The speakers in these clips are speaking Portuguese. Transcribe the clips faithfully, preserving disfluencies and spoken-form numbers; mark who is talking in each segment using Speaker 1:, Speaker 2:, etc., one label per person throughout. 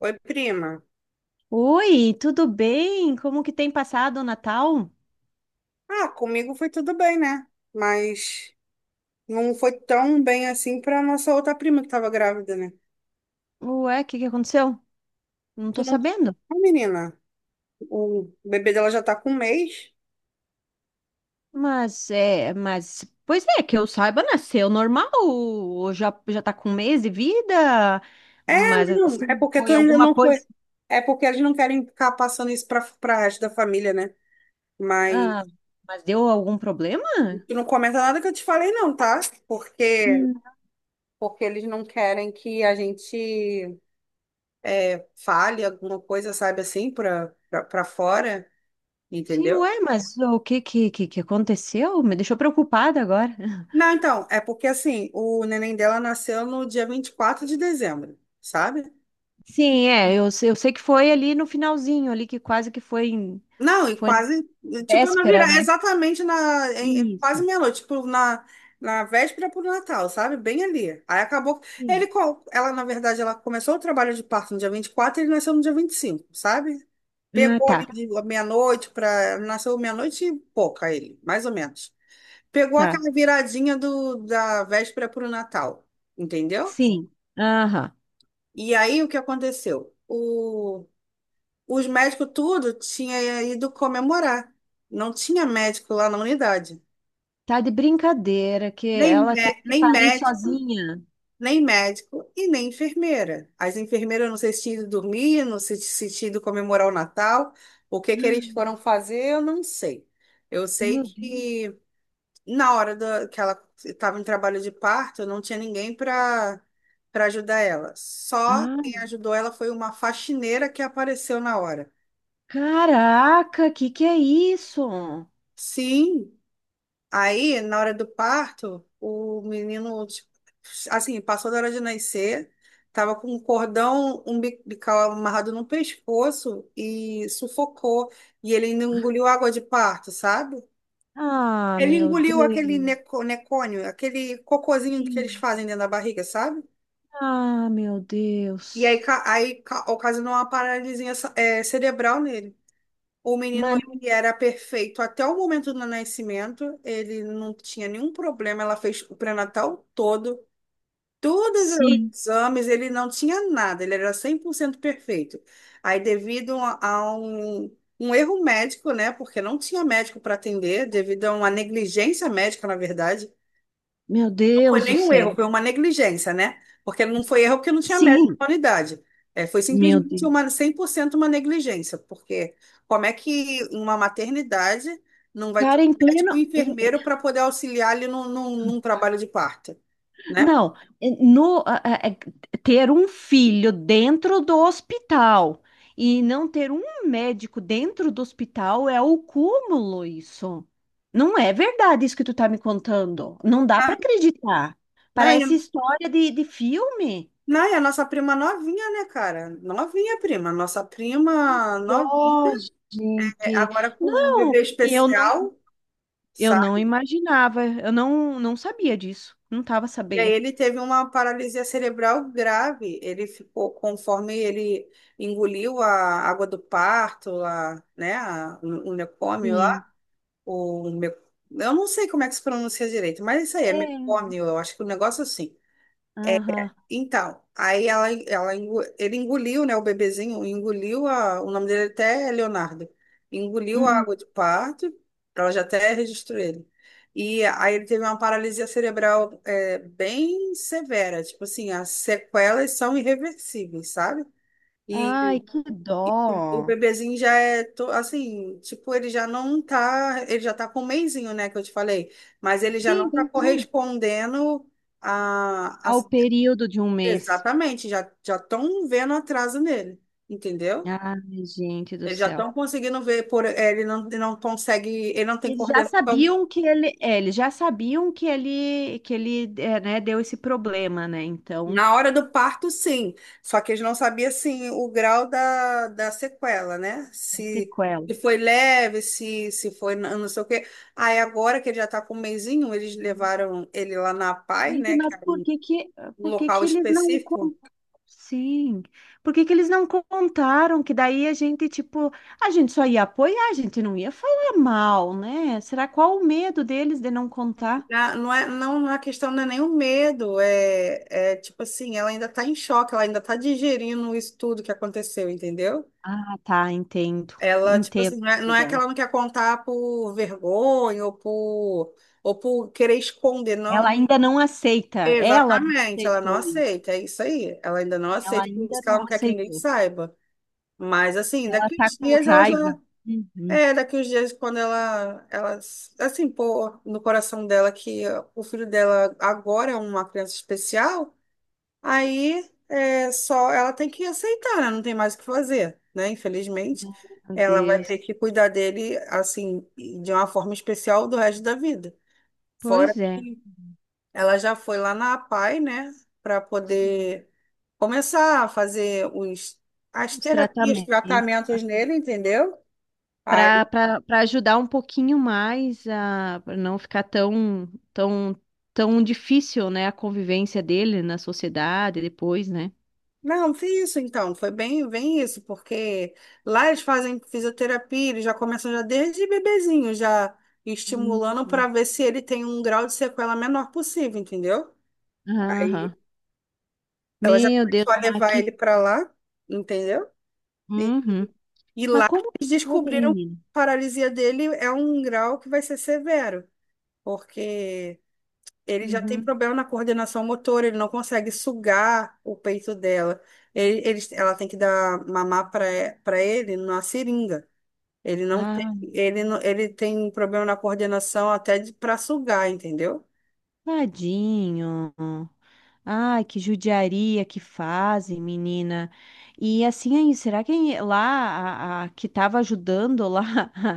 Speaker 1: Oi, prima.
Speaker 2: Oi, tudo bem? Como que tem passado o Natal?
Speaker 1: Ah, comigo foi tudo bem, né? Mas não foi tão bem assim pra nossa outra prima que tava grávida, né?
Speaker 2: Ué, o que que aconteceu? Não tô
Speaker 1: Tu não...
Speaker 2: sabendo.
Speaker 1: Ah, menina, o bebê dela já tá com um mês.
Speaker 2: Mas é, mas pois é, que eu saiba, nasceu normal, ou já já tá com um mês de vida, mas
Speaker 1: Não, é
Speaker 2: assim,
Speaker 1: porque tu
Speaker 2: foi
Speaker 1: ainda
Speaker 2: alguma
Speaker 1: não foi.
Speaker 2: coisa.
Speaker 1: É porque eles não querem ficar passando isso pra, pra resto da família, né?
Speaker 2: Ah,
Speaker 1: Mas
Speaker 2: mas deu algum problema?
Speaker 1: tu não comenta nada que eu te falei, não, tá? Porque,
Speaker 2: Hum,
Speaker 1: porque eles não querem que a gente é, fale alguma coisa, sabe assim, pra, pra, pra fora,
Speaker 2: Sim,
Speaker 1: entendeu?
Speaker 2: ué, mas o que que que que aconteceu? Me deixou preocupada agora.
Speaker 1: Não, então, é porque assim, o neném dela nasceu no dia vinte e quatro de dezembro, sabe?
Speaker 2: Sim, é, eu, se- eu sei que foi ali no finalzinho, ali que quase que foi em,
Speaker 1: Não, e
Speaker 2: foi na
Speaker 1: quase, tipo, na
Speaker 2: véspera,
Speaker 1: virada,
Speaker 2: né?
Speaker 1: exatamente na, em- em- quase
Speaker 2: Isso.
Speaker 1: meia-noite, tipo, na, na véspera pro Natal, sabe? Bem ali. Aí acabou, ele,
Speaker 2: Sim.
Speaker 1: co- ela, na verdade, ela começou o trabalho de parto no dia vinte e quatro, e ele nasceu no dia vinte e cinco, sabe?
Speaker 2: Ah,
Speaker 1: Pegou
Speaker 2: tá,
Speaker 1: ali de meia-noite pra, nasceu meia-noite e pouca ele, mais ou menos. Pegou
Speaker 2: tá.
Speaker 1: aquela viradinha do, da véspera pro Natal, entendeu?
Speaker 2: Sim. Aham.
Speaker 1: E aí o que aconteceu? O, os médicos tudo tinha ido comemorar. Não tinha médico lá na unidade.
Speaker 2: Tá de brincadeira que
Speaker 1: Nem,
Speaker 2: ela teve
Speaker 1: mé-
Speaker 2: que
Speaker 1: nem
Speaker 2: parir
Speaker 1: médico,
Speaker 2: sozinha.
Speaker 1: nem médico e nem enfermeira. As enfermeiras não sei se tinham ido dormir, não sei se tinham ido comemorar o Natal. O que que eles foram fazer, eu não sei. Eu sei
Speaker 2: Meu Deus.
Speaker 1: que na hora da, que ela estava em trabalho de parto, não tinha ninguém para para ajudar ela. Só quem
Speaker 2: Ai,
Speaker 1: ajudou ela foi uma faxineira que apareceu na hora.
Speaker 2: caraca, que que é isso?
Speaker 1: Sim, aí na hora do parto, o menino, tipo, assim, passou da hora de nascer, tava com um cordão umbilical amarrado no pescoço e sufocou. E ele ainda engoliu água de parto, sabe?
Speaker 2: Ah,
Speaker 1: Ele
Speaker 2: meu
Speaker 1: engoliu aquele
Speaker 2: Deus.
Speaker 1: neco, necônio, aquele cocôzinho que eles
Speaker 2: Sim.
Speaker 1: fazem dentro da barriga, sabe?
Speaker 2: Ah, meu
Speaker 1: E aí,
Speaker 2: Deus.
Speaker 1: ca- aí ca- ocasionou uma paralisia é, cerebral nele. O menino
Speaker 2: Mano,
Speaker 1: ele era perfeito até o momento do nascimento, ele não tinha nenhum problema, ela fez o pré-natal todo, todos os
Speaker 2: sim.
Speaker 1: exames, ele não tinha nada, ele era cem por cento perfeito. Aí, devido a a um, um erro médico, né, porque não tinha médico para atender, devido a uma negligência médica, na verdade,
Speaker 2: Meu
Speaker 1: foi
Speaker 2: Deus do
Speaker 1: nenhum
Speaker 2: céu.
Speaker 1: erro, foi uma negligência, né? Porque não foi erro porque não tinha mérito da
Speaker 2: Sim,
Speaker 1: humanidade. É, foi
Speaker 2: meu
Speaker 1: simplesmente
Speaker 2: Deus.
Speaker 1: uma cem por cento uma negligência, porque como é que uma maternidade não vai ter um
Speaker 2: Cara, em pleno,
Speaker 1: médico e um enfermeiro para poder auxiliar ali num, num, num trabalho de parto, né?
Speaker 2: não, é, no, a- a- é, ter um filho dentro do hospital e não ter um médico dentro do hospital é o cúmulo isso. Não é verdade isso que tu tá me contando. Não dá para
Speaker 1: Na,
Speaker 2: acreditar.
Speaker 1: na,
Speaker 2: Parece história de, de filme.
Speaker 1: na, e a nossa prima novinha, né, cara? Novinha, prima. Nossa prima
Speaker 2: Dó,
Speaker 1: novinha, é,
Speaker 2: gente.
Speaker 1: agora com um
Speaker 2: Não,
Speaker 1: bebê
Speaker 2: e eu não,
Speaker 1: especial.
Speaker 2: eu não imaginava, eu não, não sabia disso, não estava
Speaker 1: E aí
Speaker 2: sabendo.
Speaker 1: ele teve uma paralisia cerebral grave. Ele ficou, conforme ele engoliu a água do parto, lá, né, a- o o
Speaker 2: Sim.
Speaker 1: lá, o me- eu não sei como é que se pronuncia direito, mas isso aí é
Speaker 2: É.
Speaker 1: mecônio, eu acho que o negócio é assim.
Speaker 2: Aham.
Speaker 1: Então, aí ela, ela, engo- ele engoliu, né, o bebezinho, engoliu a, o nome dele até é Leonardo, engoliu a água
Speaker 2: Hum.
Speaker 1: de parto, ela já até registrou ele. E aí ele teve uma paralisia cerebral é, bem severa, tipo assim, as sequelas são irreversíveis, sabe?
Speaker 2: Ai,
Speaker 1: E,
Speaker 2: que
Speaker 1: e o
Speaker 2: dó.
Speaker 1: bebezinho já é, to- assim, tipo, ele já não tá, ele já tá com um mesinho, né, que eu te falei, mas ele já
Speaker 2: Sim,
Speaker 1: não tá
Speaker 2: pois é.
Speaker 1: correspondendo à.
Speaker 2: Ao período de um mês.
Speaker 1: Exatamente, já já estão vendo atraso nele, entendeu?
Speaker 2: Ai, gente do
Speaker 1: Eles já
Speaker 2: céu.
Speaker 1: estão conseguindo ver por é, ele não, não, consegue, ele não tem
Speaker 2: Eles já
Speaker 1: coordenação.
Speaker 2: sabiam que ele, é, eles já sabiam que ele, que ele, é, né, deu esse problema, né? Então,
Speaker 1: Na hora do parto, sim. Só que eles não sabiam assim o grau da, da sequela, né?
Speaker 2: é
Speaker 1: Se,
Speaker 2: sequela.
Speaker 1: se foi leve, se, se foi n- não sei o quê. Aí agora que ele já está com um mesinho, eles levaram ele lá na pai,
Speaker 2: Gente,
Speaker 1: né? Que
Speaker 2: mas
Speaker 1: é
Speaker 2: por que que,
Speaker 1: um
Speaker 2: por que
Speaker 1: local
Speaker 2: que eles não
Speaker 1: específico.
Speaker 2: con- sim. Por que que eles não contaram que daí a gente, tipo, a gente só ia apoiar, a gente não ia falar mal, né? Será qual o medo deles de não contar?
Speaker 1: Ah, não é, não, a questão não é nem o medo, é, é tipo assim, ela ainda tá em choque, ela ainda tá digerindo isso tudo que aconteceu, entendeu?
Speaker 2: Ah, tá, entendo.
Speaker 1: Ela, tipo assim,
Speaker 2: Entendo.
Speaker 1: não é, não é que
Speaker 2: Dela.
Speaker 1: ela não quer contar por vergonha ou por, ou por querer esconder, não.
Speaker 2: Ela ainda não aceita. Ela não
Speaker 1: Exatamente, ela não
Speaker 2: aceitou isso.
Speaker 1: aceita, é isso aí. Ela ainda não
Speaker 2: Ela
Speaker 1: aceita, por isso
Speaker 2: ainda
Speaker 1: que ela não
Speaker 2: não
Speaker 1: quer que ninguém
Speaker 2: aceitou.
Speaker 1: saiba. Mas assim,
Speaker 2: Ela
Speaker 1: daqui
Speaker 2: tá
Speaker 1: uns
Speaker 2: com
Speaker 1: dias ela já.
Speaker 2: raiva. Uhum.
Speaker 1: É, daqui uns dias, quando ela, ela, assim, pô no coração dela que o filho dela agora é uma criança especial, aí é só ela tem que aceitar, né? Não tem mais o que fazer, né? Infelizmente,
Speaker 2: Meu
Speaker 1: ela vai
Speaker 2: Deus.
Speaker 1: ter que cuidar dele, assim, de uma forma especial do resto da vida. Fora
Speaker 2: Pois é.
Speaker 1: que ela já foi lá na APAE, né, para
Speaker 2: Sim.
Speaker 1: poder começar a fazer os, as
Speaker 2: Os
Speaker 1: terapias,
Speaker 2: tratamentos,
Speaker 1: tratamentos nele, entendeu?
Speaker 2: para para ajudar um pouquinho mais a pra não ficar tão tão tão difícil, né, a convivência dele na sociedade depois, né?
Speaker 1: Não, foi isso então, foi bem, bem isso, porque lá eles fazem fisioterapia, eles já começam já desde bebezinho, já estimulando para
Speaker 2: Uhum.
Speaker 1: ver se ele tem um grau de sequela menor possível, entendeu? Aí
Speaker 2: Aham.
Speaker 1: ela já
Speaker 2: Meu
Speaker 1: começou
Speaker 2: Deus,
Speaker 1: a
Speaker 2: mas
Speaker 1: levar
Speaker 2: que...
Speaker 1: ele para lá, entendeu? E,
Speaker 2: Uhum.
Speaker 1: e
Speaker 2: Mas
Speaker 1: lá
Speaker 2: como que
Speaker 1: eles
Speaker 2: pode,
Speaker 1: descobriram que
Speaker 2: menina?
Speaker 1: a paralisia dele é um grau que vai ser severo, porque ele já tem
Speaker 2: Uhum.
Speaker 1: problema na coordenação motora, ele não consegue sugar o peito dela. Ele, ele- ela tem que dar mamar para ele numa seringa. Ele não
Speaker 2: Ah,
Speaker 1: tem, ele, não- ele tem problema na coordenação até para sugar, entendeu?
Speaker 2: tadinho. Ai, que judiaria que fazem, menina. E assim aí, será que lá a, a que estava ajudando lá,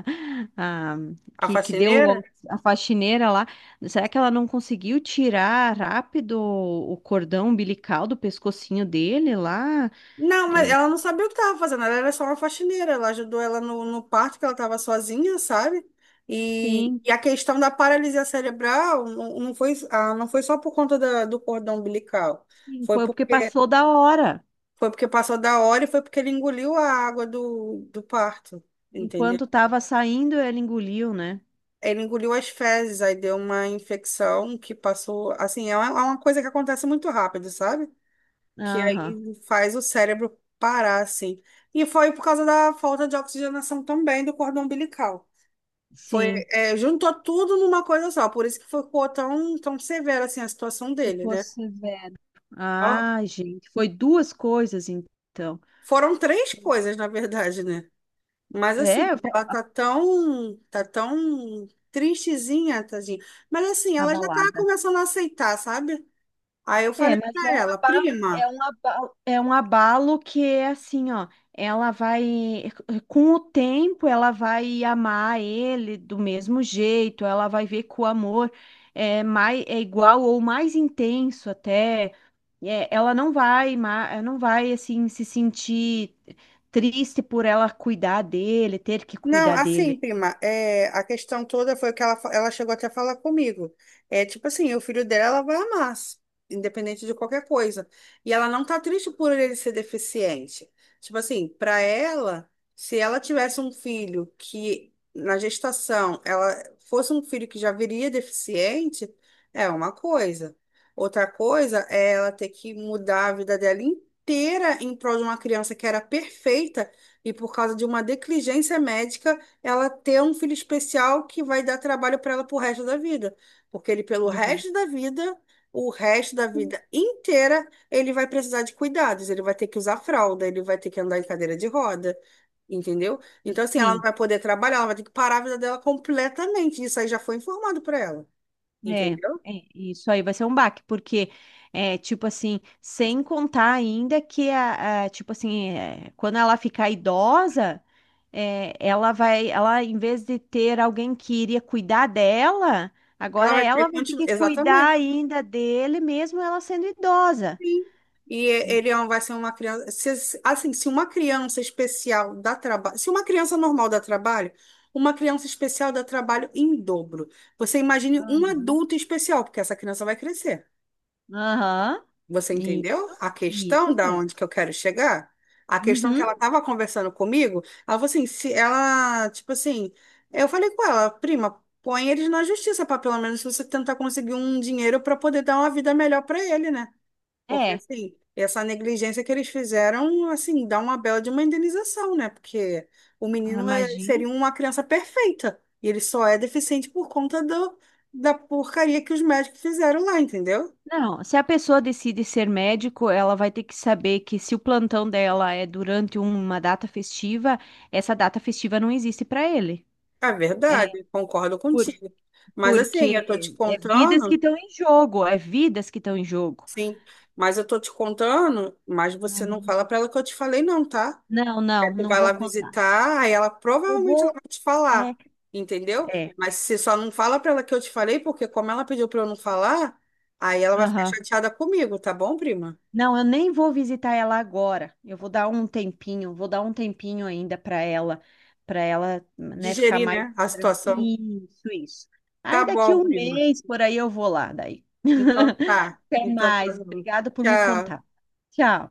Speaker 2: a,
Speaker 1: A
Speaker 2: que, que deu
Speaker 1: faxineira?
Speaker 2: o- a faxineira lá, será que ela não conseguiu tirar rápido o cordão umbilical do pescocinho dele lá?
Speaker 1: Não, mas
Speaker 2: É,
Speaker 1: ela não sabia o que estava fazendo, ela era só uma faxineira. Ela ajudou ela no, no parto, que ela estava sozinha, sabe? E,
Speaker 2: sim,
Speaker 1: e a questão da paralisia cerebral não, não foi, ah, não foi só por conta da- do cordão umbilical.
Speaker 2: sim,
Speaker 1: Foi
Speaker 2: foi porque
Speaker 1: porque
Speaker 2: passou da hora.
Speaker 1: Foi porque passou da hora e foi porque ele engoliu a água do, do parto, entendeu?
Speaker 2: Enquanto estava saindo, ela engoliu, né?
Speaker 1: Ele engoliu as fezes, aí deu uma infecção que passou. Assim, é uma, é uma coisa que acontece muito rápido, sabe? Que
Speaker 2: Aham,
Speaker 1: aí faz o cérebro parar, assim. E foi por causa da falta de oxigenação também do cordão umbilical. Foi,
Speaker 2: sim.
Speaker 1: é, juntou tudo numa coisa só, por isso que ficou tão, tão severa assim a situação dele,
Speaker 2: Ficou
Speaker 1: né?
Speaker 2: severo.
Speaker 1: Ó,
Speaker 2: Ah, gente, foi duas coisas então.
Speaker 1: foram três
Speaker 2: Foi-
Speaker 1: coisas, na verdade, né? Mas assim,
Speaker 2: É, foi
Speaker 1: ela tá tão, tá tão tristezinha, tadinha. Mas assim,
Speaker 2: uma
Speaker 1: ela já tá
Speaker 2: balada.
Speaker 1: começando a aceitar, sabe? Aí eu
Speaker 2: É,
Speaker 1: falei
Speaker 2: mas é
Speaker 1: pra
Speaker 2: um
Speaker 1: ela,
Speaker 2: abalo, é
Speaker 1: prima.
Speaker 2: um abalo, é um abalo que é assim, ó, ela vai, com o tempo, ela vai amar ele do mesmo jeito, ela vai ver que o amor é mais, é igual ou mais intenso até. É, ela não vai, ma- ela não vai assim se sentir triste por ela cuidar dele, ter que
Speaker 1: Não,
Speaker 2: cuidar
Speaker 1: assim,
Speaker 2: dele.
Speaker 1: prima, é, a questão toda foi que ela, fa- ela chegou até a falar comigo. É tipo assim, o filho dela vai amar, s- independente de qualquer coisa. E ela não tá triste por ele ser deficiente. Tipo assim, para ela, se ela tivesse um filho que na gestação ela fosse um filho que já viria deficiente, é uma coisa. Outra coisa é ela ter que mudar a vida dela inteira em prol de uma criança que era perfeita e por causa de uma negligência médica, ela ter um filho especial que vai dar trabalho para ela pro resto da vida. Porque ele, pelo
Speaker 2: Uhum.
Speaker 1: resto da vida, o resto da vida inteira, ele vai precisar de cuidados, ele vai ter que usar fralda, ele vai ter que andar em cadeira de roda, entendeu? Então, assim, ela não
Speaker 2: Sim,
Speaker 1: vai poder trabalhar, ela vai ter que parar a vida dela completamente. Isso aí já foi informado para ela,
Speaker 2: é, é,
Speaker 1: entendeu?
Speaker 2: isso aí vai ser um baque, porque é tipo assim, sem contar ainda que a, a- tipo assim, é, quando ela ficar idosa, é, ela vai, ela em vez de ter alguém que iria cuidar dela,
Speaker 1: Ela
Speaker 2: agora
Speaker 1: vai ter
Speaker 2: ela
Speaker 1: que
Speaker 2: vai ter
Speaker 1: continuar.
Speaker 2: que cuidar
Speaker 1: Exatamente.
Speaker 2: ainda dele, mesmo ela sendo idosa.
Speaker 1: Sim. E ele é um- vai ser uma criança. Se- assim, se uma criança especial dá trabalho. Se uma criança normal dá trabalho, uma criança especial dá trabalho em dobro. Você imagine um
Speaker 2: Aham.
Speaker 1: adulto especial, porque essa criança vai crescer.
Speaker 2: Aham.
Speaker 1: Você
Speaker 2: E,
Speaker 1: entendeu a questão
Speaker 2: isso
Speaker 1: da
Speaker 2: mesmo.
Speaker 1: onde que eu quero chegar? A questão que
Speaker 2: Uhum.
Speaker 1: ela estava conversando comigo, ela falou assim, se ela, tipo assim, eu falei com ela, prima, põe eles na justiça para pelo menos você tentar conseguir um dinheiro para poder dar uma vida melhor para ele, né? Porque,
Speaker 2: É,
Speaker 1: assim, essa negligência que eles fizeram, assim, dá uma bela de uma indenização, né? Porque o menino é-
Speaker 2: imagina.
Speaker 1: seria uma criança perfeita. E ele só é deficiente por conta do, da porcaria que os médicos fizeram lá, entendeu?
Speaker 2: Não, se a pessoa decide ser médico, ela vai ter que saber que se o plantão dela é durante uma data festiva, essa data festiva não existe para ele.
Speaker 1: É
Speaker 2: É
Speaker 1: verdade, concordo
Speaker 2: por-
Speaker 1: contigo. Mas, assim, eu tô te
Speaker 2: porque é vidas que
Speaker 1: contando,
Speaker 2: estão em jogo, é vidas que estão em jogo.
Speaker 1: sim, mas eu tô te contando, mas você não
Speaker 2: Uhum.
Speaker 1: fala pra ela que eu te falei, não, tá?
Speaker 2: Não, não,
Speaker 1: Aí tu
Speaker 2: não
Speaker 1: vai
Speaker 2: vou
Speaker 1: lá
Speaker 2: contar.
Speaker 1: visitar, aí ela
Speaker 2: Eu
Speaker 1: provavelmente ela
Speaker 2: vou.
Speaker 1: vai te
Speaker 2: É,
Speaker 1: falar, entendeu?
Speaker 2: é.
Speaker 1: Mas você só não fala pra ela que eu te falei, porque como ela pediu pra eu não falar, aí ela vai ficar
Speaker 2: Aham.
Speaker 1: chateada comigo, tá bom, prima?
Speaker 2: Não, eu nem vou visitar ela agora. Eu vou dar um tempinho, vou dar um tempinho ainda para ela, para ela, né, ficar
Speaker 1: Digerir,
Speaker 2: mais
Speaker 1: né, a
Speaker 2: tran-
Speaker 1: situação.
Speaker 2: isso, isso.
Speaker 1: Tá
Speaker 2: Aí daqui
Speaker 1: bom,
Speaker 2: um
Speaker 1: prima.
Speaker 2: mês por aí eu vou lá daí.
Speaker 1: Então tá.
Speaker 2: Até
Speaker 1: Então tá
Speaker 2: mais.
Speaker 1: bom.
Speaker 2: Obrigada por me
Speaker 1: Tchau.
Speaker 2: contar. Tchau.